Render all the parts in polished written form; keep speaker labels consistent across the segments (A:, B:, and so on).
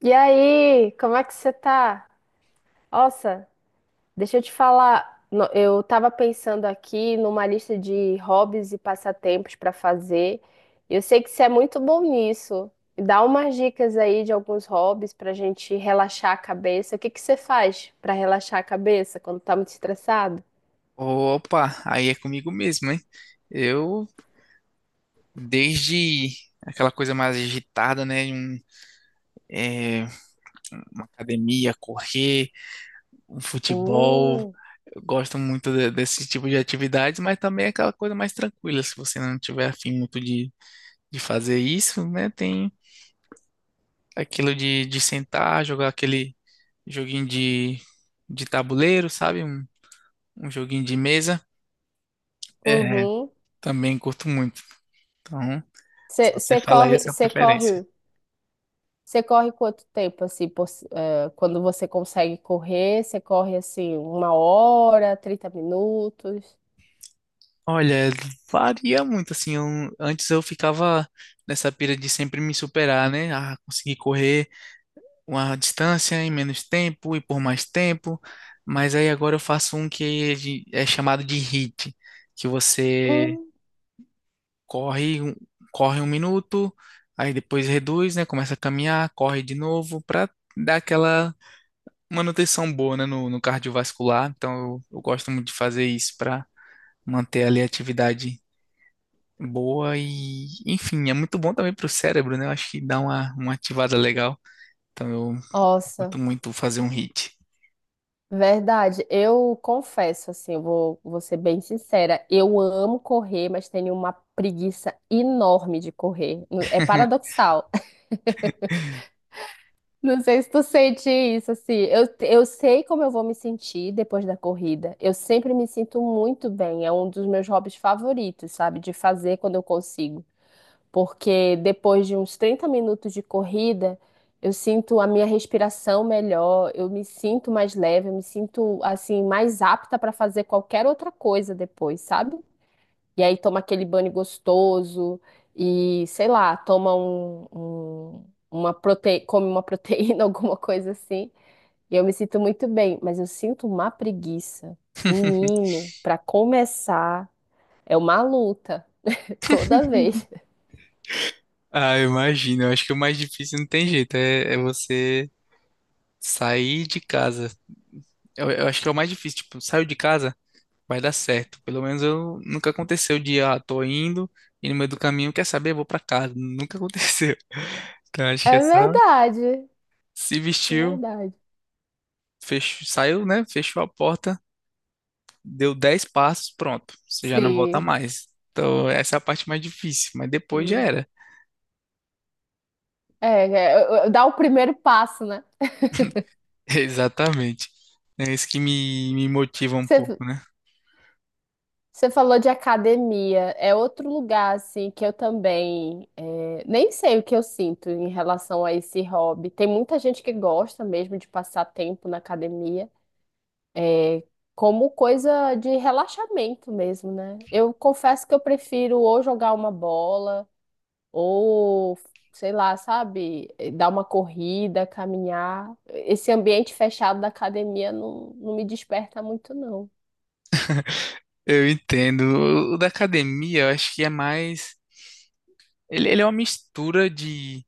A: E aí, como é que você tá? Nossa, deixa eu te falar. Eu tava pensando aqui numa lista de hobbies e passatempos pra fazer. Eu sei que você é muito bom nisso. Me dá umas dicas aí de alguns hobbies pra gente relaxar a cabeça. O que que você faz pra relaxar a cabeça quando tá muito estressado?
B: Opa, aí é comigo mesmo, hein? Eu, desde aquela coisa mais agitada, né? É, uma academia, correr, um futebol.
A: Hum.
B: Eu gosto muito desse tipo de atividades, mas também é aquela coisa mais tranquila. Se você não tiver afim muito de fazer isso, né? Tem aquilo de sentar, jogar aquele joguinho de tabuleiro, sabe? Um joguinho de mesa. É,
A: Uhum.
B: também curto muito. Então, só
A: Você
B: você
A: você
B: falar aí a
A: corre,
B: sua
A: você
B: preferência.
A: corre Você corre quanto tempo, assim, quando você consegue correr, você corre, assim, 1 hora, 30 minutos?
B: Olha, varia muito, assim, antes eu ficava nessa pira de sempre me superar, né? Ah, conseguir correr uma distância em menos tempo e por mais tempo, mas aí agora eu faço um que é chamado de HIIT, que você
A: Hum.
B: corre, um- corre 1 minuto, aí depois reduz, né? Começa a caminhar, corre de novo, pra dar aquela manutenção boa, né? No cardiovascular, então eu gosto muito de fazer isso pra manter ali a atividade boa e, enfim, é muito bom também pro cérebro, né? Eu acho que dá uma ativada legal. Então eu curto
A: Nossa,
B: muito fazer um hit.
A: verdade. Eu confesso, assim, eu vou ser bem sincera. Eu amo correr, mas tenho uma preguiça enorme de correr. É paradoxal. Não sei se tu sente isso, assim. Eu sei como eu vou me sentir depois da corrida. Eu sempre me sinto muito bem. É um dos meus hobbies favoritos, sabe? De fazer quando eu consigo. Porque depois de uns 30 minutos de corrida, eu sinto a minha respiração melhor, eu me sinto mais leve, eu me sinto assim mais apta para fazer qualquer outra coisa depois, sabe? E aí toma aquele banho gostoso e, sei lá, toma um- come uma proteína, alguma coisa assim. E eu me sinto muito bem, mas eu sinto uma preguiça. Menino, para começar, é uma luta toda vez.
B: Ah, eu imagino. Eu acho que o mais difícil não tem jeito, é você sair de casa. Eu acho que é o mais difícil, tipo, saio de casa, vai dar certo. Pelo menos eu nunca aconteceu de, tô indo e no meio do caminho, quer saber, vou pra casa. Nunca aconteceu. Então acho que é
A: É
B: só
A: verdade.
B: se
A: É
B: vestiu,
A: verdade.
B: fechou, saiu, né? Fechou a porta, deu 10 passos, pronto, você já não volta
A: Sim.
B: mais. Então, essa é a parte mais difícil, mas depois já
A: Hum.
B: era.
A: Dá o primeiro passo, né?
B: Exatamente. É isso que me motiva um pouco,
A: Você,
B: né?
A: você falou de academia, é outro lugar, assim, que eu também nem sei o que eu sinto em relação a esse hobby. Tem muita gente que gosta mesmo de passar tempo na academia, é, como coisa de relaxamento mesmo, né? Eu confesso que eu prefiro ou jogar uma bola, ou sei lá, sabe, dar uma corrida, caminhar. Esse ambiente fechado da academia não, não me desperta muito, não.
B: Eu entendo. O da academia, eu acho que é mais. Ele é uma mistura de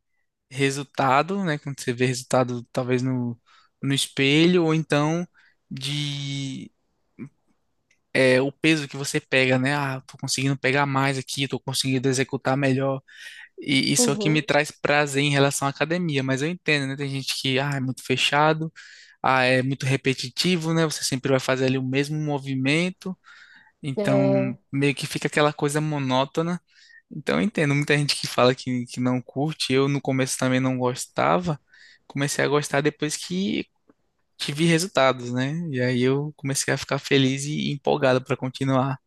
B: resultado, né? Quando você vê resultado, talvez no espelho, ou então de. É, o peso que você pega, né? Ah, tô conseguindo pegar mais aqui, tô conseguindo executar melhor. E isso é o que me
A: Uhum.
B: traz prazer em relação à academia, mas eu entendo, né? Tem gente que, é muito fechado, é muito repetitivo, né? Você sempre vai fazer ali o mesmo movimento, então
A: É.
B: meio que fica aquela coisa monótona. Então eu entendo, muita gente que fala que não curte, eu no começo também não gostava, comecei a gostar depois que tive resultados, né? E aí eu comecei a ficar feliz e empolgado para continuar.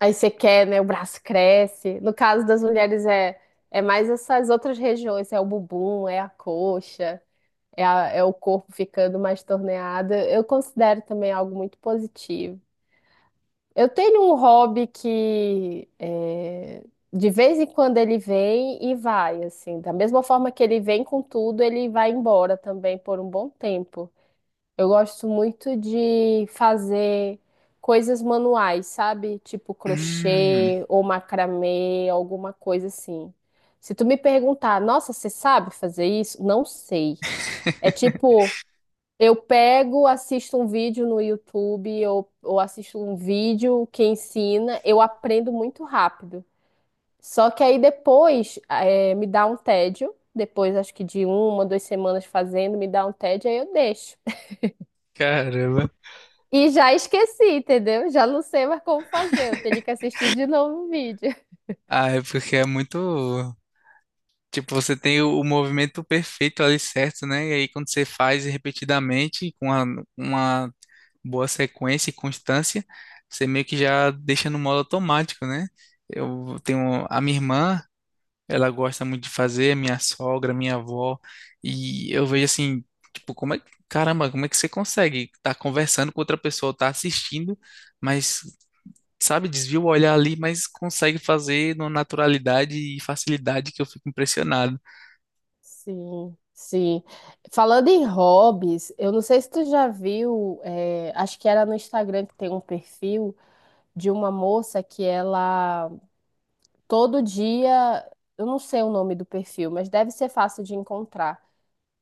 A: Aí você quer, né? O braço cresce. No caso das mulheres, é mais essas outras regiões, é o bumbum, é a coxa, é o corpo ficando mais torneado. Eu considero também algo muito positivo. Eu tenho um hobby que é, de vez em quando ele vem e vai, assim. Da mesma forma que ele vem com tudo, ele vai embora também por um bom tempo. Eu gosto muito de fazer coisas manuais, sabe? Tipo
B: Hum.
A: crochê ou macramê, alguma coisa assim. Se tu me perguntar, nossa, você sabe fazer isso? Não sei. É tipo. Eu pego, assisto um vídeo no YouTube, ou assisto um vídeo que ensina, eu aprendo muito rápido. Só que aí depois me dá um tédio, depois acho que de uma, duas semanas fazendo, me dá um tédio, aí eu deixo.
B: Caramba.
A: E já esqueci, entendeu? Já não sei mais como fazer, eu teria que assistir de novo o vídeo.
B: Ah, é porque é muito. Tipo, você tem o movimento perfeito ali certo, né? E aí quando você faz repetidamente, com uma boa sequência e constância, você meio que já deixa no modo automático, né? Eu tenho a minha irmã, ela gosta muito de fazer, a minha sogra, a minha avó, e eu vejo assim, tipo, como é que, caramba, como é que você consegue estar conversando com outra pessoa, estar assistindo, mas sabe, desvia o olhar ali, mas consegue fazer numa naturalidade e facilidade que eu fico impressionado.
A: Sim, sim. Falando em hobbies, eu não sei se tu já viu, acho que era no Instagram que tem um perfil de uma moça que Todo dia, eu não sei o nome do perfil, mas deve ser fácil de encontrar.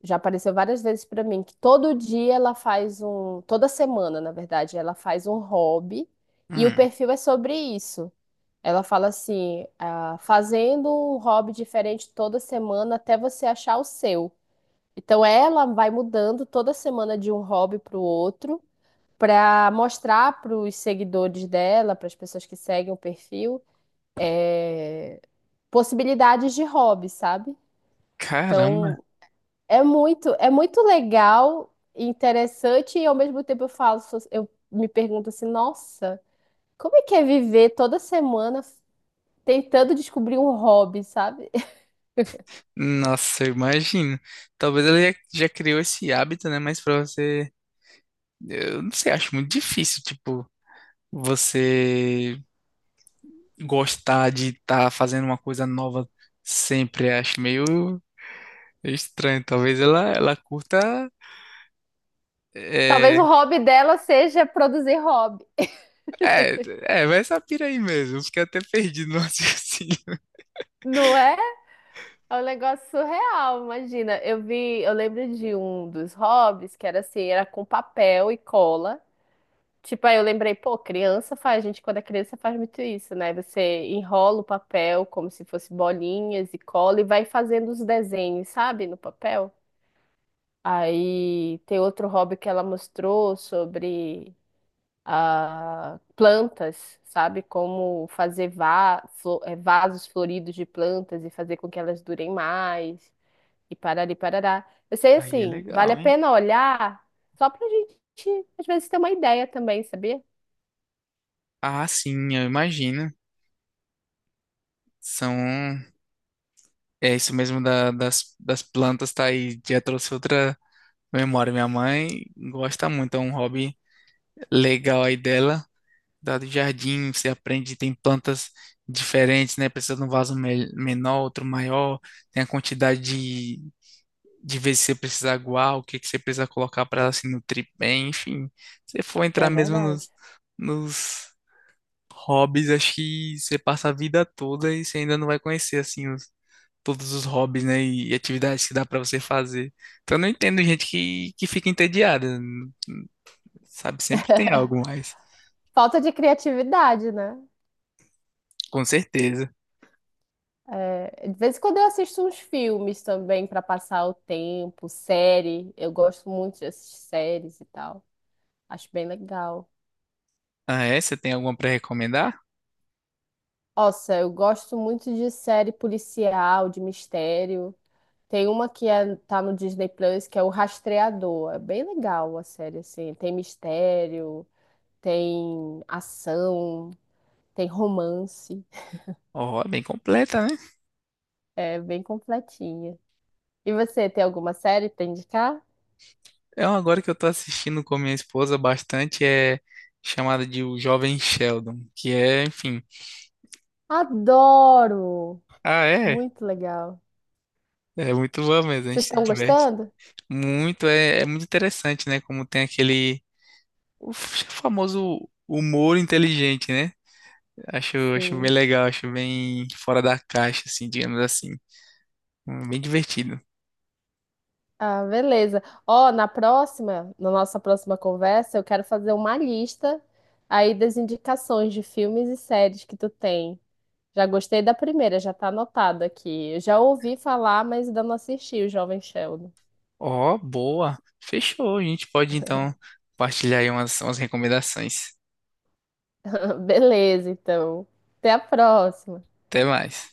A: Já apareceu várias vezes pra mim que todo dia ela faz um, toda semana, na verdade, ela faz um hobby e o
B: Hum,
A: perfil é sobre isso. Ela fala assim, ah, fazendo um hobby diferente toda semana até você achar o seu. Então ela vai mudando toda semana de um hobby para o outro, para mostrar para os seguidores dela, para as pessoas que seguem o perfil, eh, possibilidades de hobby, sabe?
B: caramba.
A: Então, é muito legal, interessante e ao mesmo tempo eu falo, eu me pergunto assim, nossa, como é que é viver toda semana tentando descobrir um hobby, sabe?
B: Nossa, eu imagino. Talvez ele já criou esse hábito, né? Mas pra você, eu não sei, acho muito difícil, tipo, você gostar de estar fazendo uma coisa nova sempre. Acho meio estranho. Talvez ela curta.
A: Talvez
B: É,
A: o hobby dela seja produzir hobby.
B: é, é, vai essa pira aí mesmo. Eu fiquei até perdido no raciocínio.
A: Não é? É um negócio surreal, imagina. Eu vi, eu lembro de um dos hobbies que era assim, era com papel e cola. Tipo, aí eu lembrei, pô, criança faz, gente, quando é criança faz muito isso, né? Você enrola o papel como se fosse bolinhas e cola e vai fazendo os desenhos, sabe, no papel. Aí tem outro hobby que ela mostrou sobre plantas, sabe? Como fazer vasos floridos de plantas e fazer com que elas durem mais e parari parará. Eu sei,
B: Aí é
A: assim, vale a
B: legal, hein?
A: pena olhar só pra gente, às vezes, ter uma ideia também, sabia?
B: Ah, sim, eu imagino. São. É isso mesmo das plantas, tá aí. Já trouxe outra memória. Minha mãe gosta muito, é um hobby legal aí dela. Da do jardim, você aprende, tem plantas diferentes, né? Precisa de um vaso menor, outro maior. Tem a quantidade de vezes que você precisa aguar, o que você precisa colocar para ela se nutrir bem. Enfim, se for entrar
A: É
B: mesmo nos,
A: verdade.
B: nos hobbies, acho que você passa a vida toda e você ainda não vai conhecer, assim, todos os hobbies, né, e atividades que dá pra você fazer. Então eu não entendo gente que fica entediada, sabe? Sempre tem algo mais,
A: Falta de criatividade, né?
B: com certeza.
A: É, de vez em quando eu assisto uns filmes também para passar o tempo, série. Eu gosto muito de assistir séries e tal. Acho bem legal.
B: Ah, é? Você tem alguma pra recomendar?
A: Nossa, eu gosto muito de série policial, de mistério. Tem uma que é, tá no Disney Plus, que é o Rastreador. É bem legal a série, assim. Tem mistério, tem ação, tem romance.
B: Ó, é bem completa, né?
A: É bem completinha. E você, tem alguma série para indicar?
B: É uma agora que eu tô assistindo com minha esposa bastante, é chamada de O Jovem Sheldon, que é, enfim.
A: Adoro!
B: Ah, é?
A: Muito legal.
B: É muito bom mesmo, a gente
A: Vocês
B: se
A: estão
B: diverte.
A: gostando?
B: Muito, é muito interessante, né? Como tem aquele o famoso humor inteligente, né? Acho bem
A: Sim.
B: legal, acho bem fora da caixa, assim, digamos assim. Bem divertido.
A: Ah, beleza. Ó, na próxima, na nossa próxima conversa, eu quero fazer uma lista aí das indicações de filmes e séries que tu tem. Já gostei da primeira, já tá anotado aqui. Eu já ouvi falar, mas ainda não assisti o Jovem Sheldon.
B: Ó, boa. Fechou. A gente pode então compartilhar aí umas recomendações.
A: Beleza, então. Até a próxima.
B: Até mais.